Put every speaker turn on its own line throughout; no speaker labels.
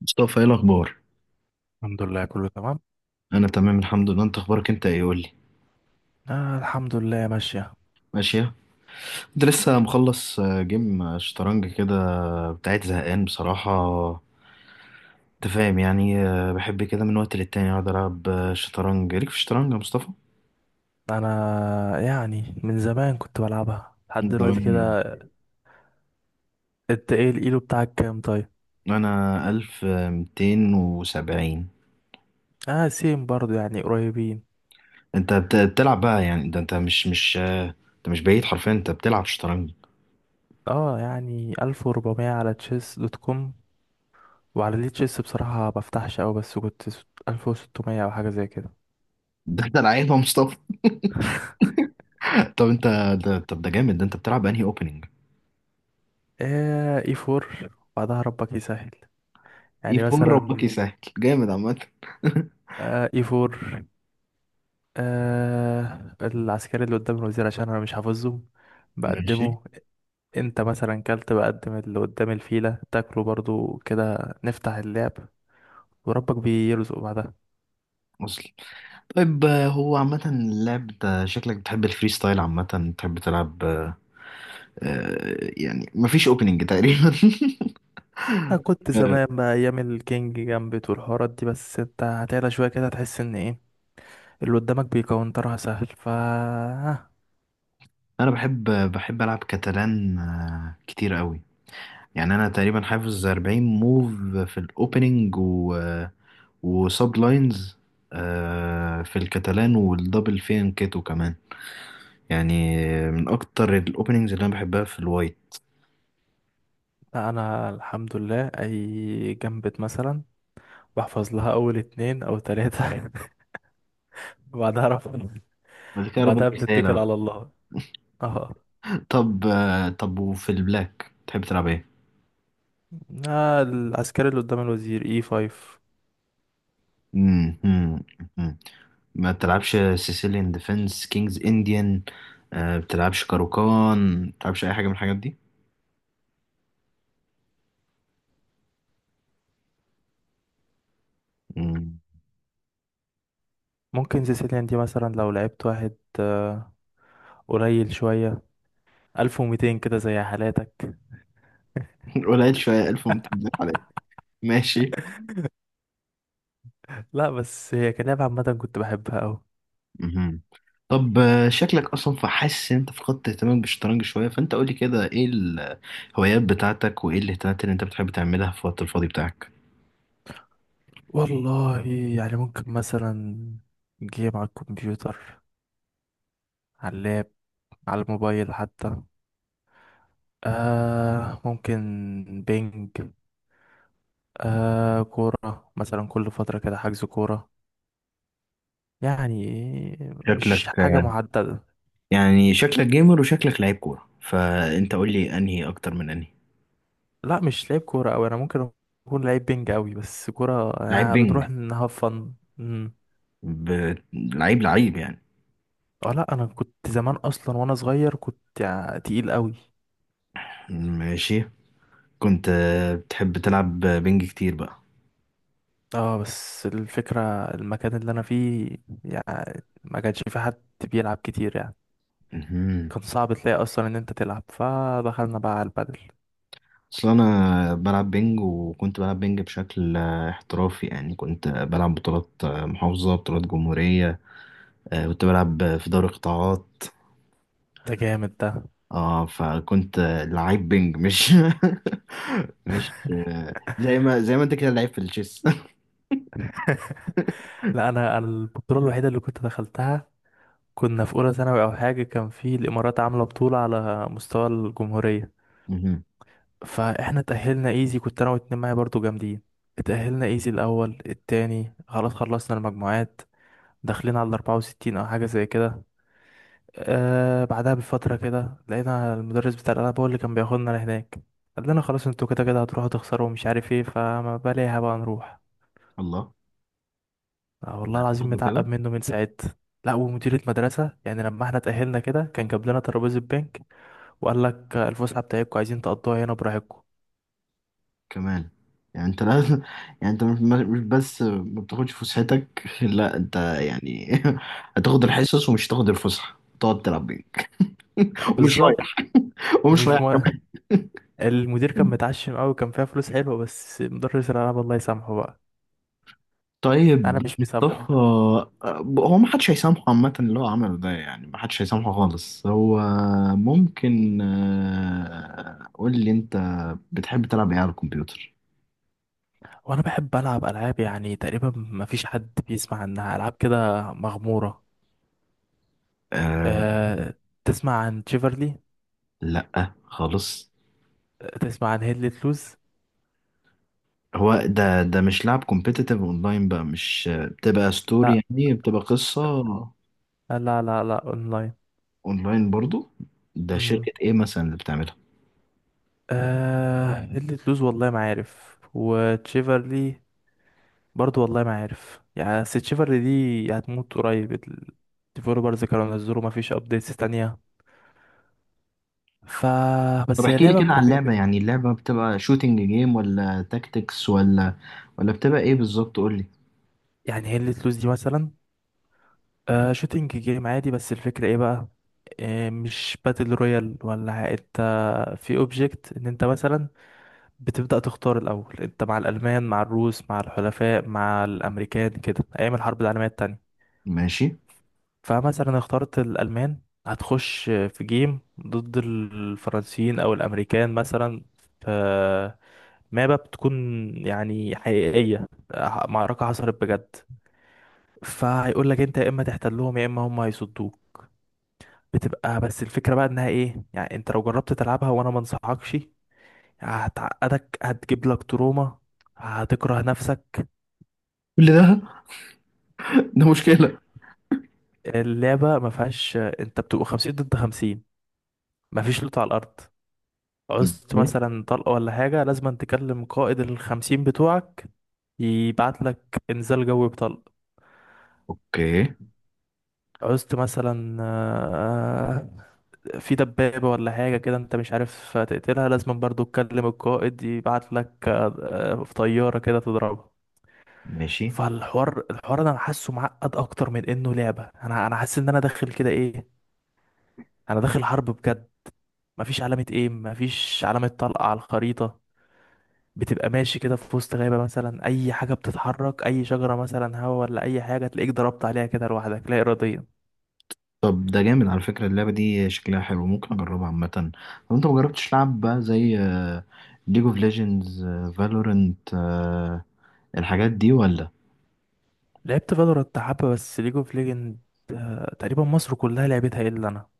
مصطفى، ايه الاخبار؟
الحمد لله كله تمام.
انا تمام الحمد لله. انت اخبارك انت ايه؟ قول لي.
الحمد لله ماشية.
ماشيه. انت لسه مخلص جيم شطرنج كده؟ بتاعت زهقان بصراحه. انت فاهم يعني، بحب كده من وقت للتاني اقعد العب شطرنج. ليك في الشطرنج يا مصطفى؟
أنا يعني من زمان كنت بلعبها لحد
من
دلوقتي
زمان؟
كده. انت ايه الإيلو بتاعك كام طيب؟
انا 1270.
اه، سيم برضو يعني قريبين.
انت بتلعب بقى يعني، ده انت مش انت مش بعيد حرفيا، انت بتلعب شطرنج.
اه يعني ألف وربعمية على تشيس دوت كوم، وعلى ليه تشيس بصراحة ما بفتحش أوي، بس كنت ألف وستمية أو حاجة زي كده.
ده انت لعيب يا مصطفى. طب انت. طب ده جامد، ده انت بتلعب انهي اوبننج؟
اي فور، بعدها ربك يسهل.
اي
يعني
4، ربك
مثلا
يسهل. جامد عامه.
اي فور، آه العسكري اللي قدام الوزير عشان أنا مش حافظهم
ماشي.
بقدمه. انت مثلا كلت بقدم اللي قدام الفيلة تاكله برضو كده، نفتح اللعب وربك بيرزق بعدها.
وصل. طيب، هو عامة اللعب ده شكلك بتحب الفري ستايل عامة. بتحب تلعب يعني مفيش اوبننج تقريبا.
انا كنت
آه،
زمان بقى ايام الكينج جامبت والحوارات دي، بس انت هتعلى شوية كده هتحس ان ايه اللي قدامك بيكونترها سهل.
انا بحب. العب كاتالان كتير قوي. يعني انا تقريبا حافظ 40 موف في الاوبننج، وسب لاينز في الكاتالان والدبل فين كيتو كمان. يعني من اكتر الاوبننجز اللي انا بحبها في الوايت.
لا، انا الحمد لله اي جامبت مثلا بحفظ لها اول اتنين او تلاتة وبعدها رفض،
بعد كده ربط
وبعدها بنتكل
رسالة.
على الله. اه،
طب وفي البلاك تحب تلعب ايه؟
العسكري اللي قدام الوزير اي 5.
مم، مم، مم. ما بتلعبش سيسيليان ديفنس كينجز انديان؟ بتلعبش كاروكان؟ بتلعبش اي حاجه من الحاجات دي؟ مم.
ممكن سيسيليان دي مثلا، لو لعبت واحد قليل شوية 1200 كده زي حالاتك.
قليل شويه 1200 عليك. ماشي.
لا بس هي كلعبة عامة كنت بحبها أوي.
مهم. طب، شكلك اصلا فحاسس ان انت فقدت اهتمامك بالشطرنج شويه. فانت قولي كده، ايه الهوايات بتاعتك وايه الاهتمامات اللي انت بتحب تعملها في الوقت الفاضي بتاعك؟
والله يعني ممكن مثلا جيم على الكمبيوتر، على اللاب، على الموبايل حتى. آه ممكن بينج، آه كورة مثلا كل فترة كده حجز كورة. يعني مش
شكلك
حاجة
آه،
محددة.
يعني شكلك جيمر وشكلك لعيب كوره، فانت قولي انهي اكتر من انهي.
لا، مش لعيب كورة أوي. أنا ممكن أكون لعيب بينج أوي، بس كورة
لعيب
آه بنروح
بينج؟
نهاف فن. مم.
ب... لعيب لعيب يعني.
اه لا، أنا كنت زمان أصلا وأنا صغير كنت يعني تقيل أوي.
ماشي. كنت بتحب تلعب بينج كتير بقى؟
اه بس الفكرة، المكان اللي أنا فيه يعني ما كانش في حد بيلعب كتير يعني.
مهم.
كان صعب تلاقي أصلا إن أنت تلعب، فدخلنا بقى على البدل.
اصل انا بلعب بينج، وكنت بلعب بينج بشكل احترافي. يعني كنت بلعب بطولات محافظة، بطولات جمهورية. كنت بلعب في دوري قطاعات.
ده جامد ده
اه، فكنت لعيب بينج مش. مش. زي ما انت كده لعيب في التشيس.
لا، أنا البطولة الوحيدة اللي كنت دخلتها، كنا في أولى ثانوي أو حاجة، كان في الإمارات عاملة بطولة على مستوى الجمهورية.
مهم.
فاحنا اتأهلنا ايزي، كنت انا واتنين معايا برضو جامدين. اتأهلنا ايزي الاول التاني، خلاص خلصنا المجموعات، داخلين على الاربعة وستين او حاجة زي كده. آه بعدها بفترة كده لقينا المدرس بتاع الالعاب، هو اللي كان بياخدنا لهناك، قال لنا خلاص انتوا كده كده هتروحوا تخسروا ومش عارف ايه، فما بلاها بقى نروح.
الله.
آه والله العظيم متعقب
برضه.
منه من ساعتها. لا، ومديرة مدرسة يعني لما احنا اتأهلنا كده كان جاب لنا ترابيزة بنك، وقال لك الفسحة بتاعتكم عايزين تقضوها هنا براحتكم.
كمان. يعني انت لازم، يعني انت مش بس ما بتاخدش فسحتك. لا انت يعني. هتاخد الحصص ومش هتاخد الفسحة، تقعد تلعب بينج. ومش
بالظبط.
رايح. ومش
ومش
رايح
مو...
كمان.
المدير كان متعشم قوي، كان فيها فلوس حلوه، بس مدرس الالعاب الله يسامحه بقى.
طيب
انا مش مسامحه.
مصطفى. هو ما حدش هيسامحه عامة، اللي هو عمله ده يعني ما حدش هيسامحه خالص. هو ممكن قول لي انت بتحب تلعب ايه على الكمبيوتر.
وانا بحب العب العاب يعني تقريبا ما فيش حد بيسمع عنها، العاب كده مغموره.
آه.
أه، تسمع عن تشيفرلي،
لا خالص.
تسمع عن هيدلت لوز.
هو ده مش لعب كومبيتيتيف اونلاين بقى، مش بتبقى ستوري
لا
يعني، بتبقى قصة؟
لا لا، اونلاين.
اونلاين برضو. ده
مم.
شركة ايه مثلا اللي بتعملها؟
أه هيدلت لوز والله ما عارف، وتشيفرلي برضو والله ما عارف يعني. بس تشيفرلي دي هتموت قريب، الديفلوبرز كانوا نزلوا ما فيش ابديتس تانية. ف
طب
بس هي
احكي لي
لعبة
كده عن
كومي.
اللعبة، يعني اللعبة بتبقى شوتينج جيم ولا تاكتكس ولا بتبقى ايه بالظبط؟ قول لي.
يعني هي اللي تلوز دي مثلا، آه شوتينج جيم عادي، بس الفكرة ايه بقى، آه مش باتل رويال ولا انت في اوبجكت، ان انت مثلا بتبدأ تختار الاول انت مع الالمان مع الروس مع الحلفاء مع الامريكان كده، ايام الحرب العالمية التانية.
ماشي.
فمثلا اخترت الالمان، هتخش في جيم ضد الفرنسيين او الامريكان مثلا، في مابا بتكون يعني حقيقية، معركة حصلت بجد. فهيقول لك انت يا اما تحتل لهم يا اما هم هيصدوك. بتبقى بس الفكرة بقى انها ايه، يعني انت لو جربت تلعبها وانا ما انصحكش، هتعقدك، هتجيب لك تروما، هتكره نفسك.
كل ده. ده مشكلة.
اللعبة ما فيهاش، انت بتبقى 50 ضد 50، ما فيش لوت على الارض. عوزت
ماشي.
مثلا طلقة ولا حاجة لازم تكلم قائد الخمسين بتوعك، يبعت لك انزال جوي بطلق.
اوكي.
عوزت مثلا في دبابة ولا حاجة كده انت مش عارف تقتلها، لازم برضو تكلم القائد يبعت لك في طيارة كده تضربها.
ماشي.
فالحوار ده انا حاسه معقد اكتر من انه لعبة، انا حاسس ان انا داخل كده ايه، انا داخل حرب بجد. مفيش علامة ايم، مفيش علامة طلقة على الخريطة، بتبقى ماشي كده في وسط غابة مثلا، اي حاجة بتتحرك اي شجرة مثلا هوا ولا اي حاجة تلاقيك ضربت عليها كده لوحدك لا اراديا.
طب ده جامد على فكرة، اللعبة دي شكلها حلو، ممكن اجربها عامة. طب انت مجربتش لعب بقى زي ليج اوف ليجندز، فالورنت، الحاجات دي ولا؟
لعبت فالورانت حبة بس، ليج اوف ليجند تقريبا مصر كلها لعبتها الا انا.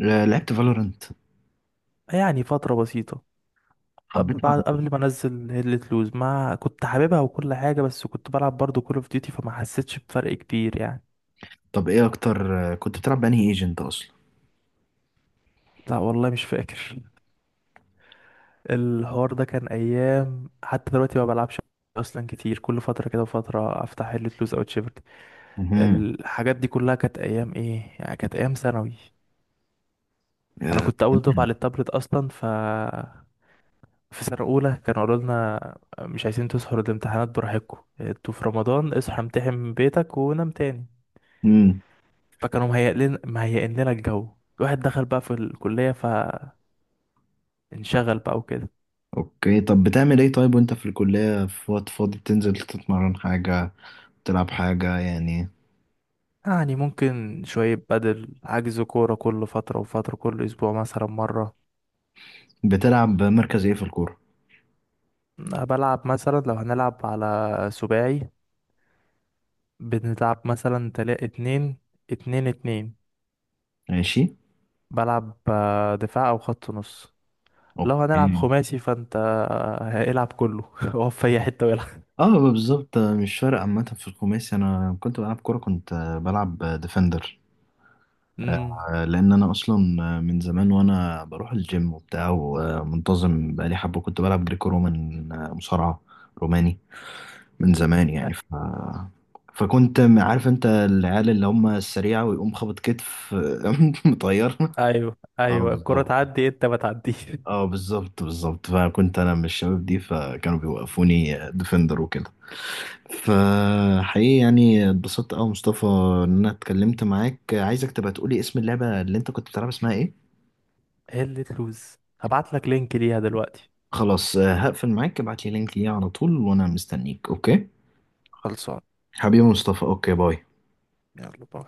لعبت فالورنت؟
يعني فترة بسيطة قبل،
حبيتها ولا؟
بعد قبل ما انزل هيلت لوز ما كنت حاببها وكل حاجة، بس كنت بلعب برضو كول اوف ديوتي فما حسيتش بفرق كبير يعني.
طب ايه اكتر كنت بتلعب بأنهي ايجنت اصلا؟
لا والله مش فاكر، الحوار ده كان ايام، حتى دلوقتي ما بلعبش اصلا كتير، كل فترة كده وفترة افتح هيلت لوز او تشيفرت.
امم.
الحاجات دي كلها كانت ايام ايه يعني، كانت ايام ثانوي. انا كنت اول دفعة للتابلت اصلا، في سنة أولى كانوا قالوا لنا مش عايزين تسهروا الامتحانات براحتكم انتوا في رمضان، اصحى امتحن من بيتك ونام تاني.
امم.
فكانوا مهيئين لنا الجو. الواحد دخل بقى في الكلية فانشغل بقى وكده.
اوكي. طب بتعمل ايه طيب وانت في الكلية في وقت فاضي؟ بتنزل تتمرن حاجة؟ تلعب حاجة يعني؟
يعني ممكن شوية بدل حجز كورة كل فترة وفترة، كل أسبوع مثلا مرة.
بتلعب مركز ايه في الكورة؟
بلعب مثلا لو هنلعب على سباعي، بنلعب مثلا تلا اتنين، اتنين اتنين.
ماشي.
بلعب دفاع أو خط نص. لو هنلعب
اوكي.
خماسي فانت هيلعب كله هو في أي حتة ويلعب.
اه بالظبط، مش فارق عامة في الخماسي. انا كنت بلعب كورة، كنت بلعب ديفندر.
أمم.
لان انا اصلا من زمان وانا بروح الجيم وبتاع ومنتظم بقالي حبه، كنت بلعب جريكو رومان، مصارعه روماني من زمان، يعني فكنت عارف انت العيال اللي هم السريعه ويقوم خبط كتف. مطير.
أيوه
اه
أيوه، الكرة
بالظبط.
تعدي أنت ما تعديش.
اه بالظبط بالظبط، فكنت انا من الشباب دي، فكانوا بيوقفوني ديفندر وكده. فحقيقي يعني اتبسطت قوي مصطفى ان انا اتكلمت معاك. عايزك تبقى تقولي اسم اللعبه اللي انت كنت بتلعب اسمها ايه.
هي اللي تلوز، هبعت لك لينك ليها دلوقتي.
خلاص، هقفل معاك، ابعت لي لينك ليه على طول وانا مستنيك. اوكي؟
خلصان.
حبيبي مصطفى. اوكي باي.
يلا باي.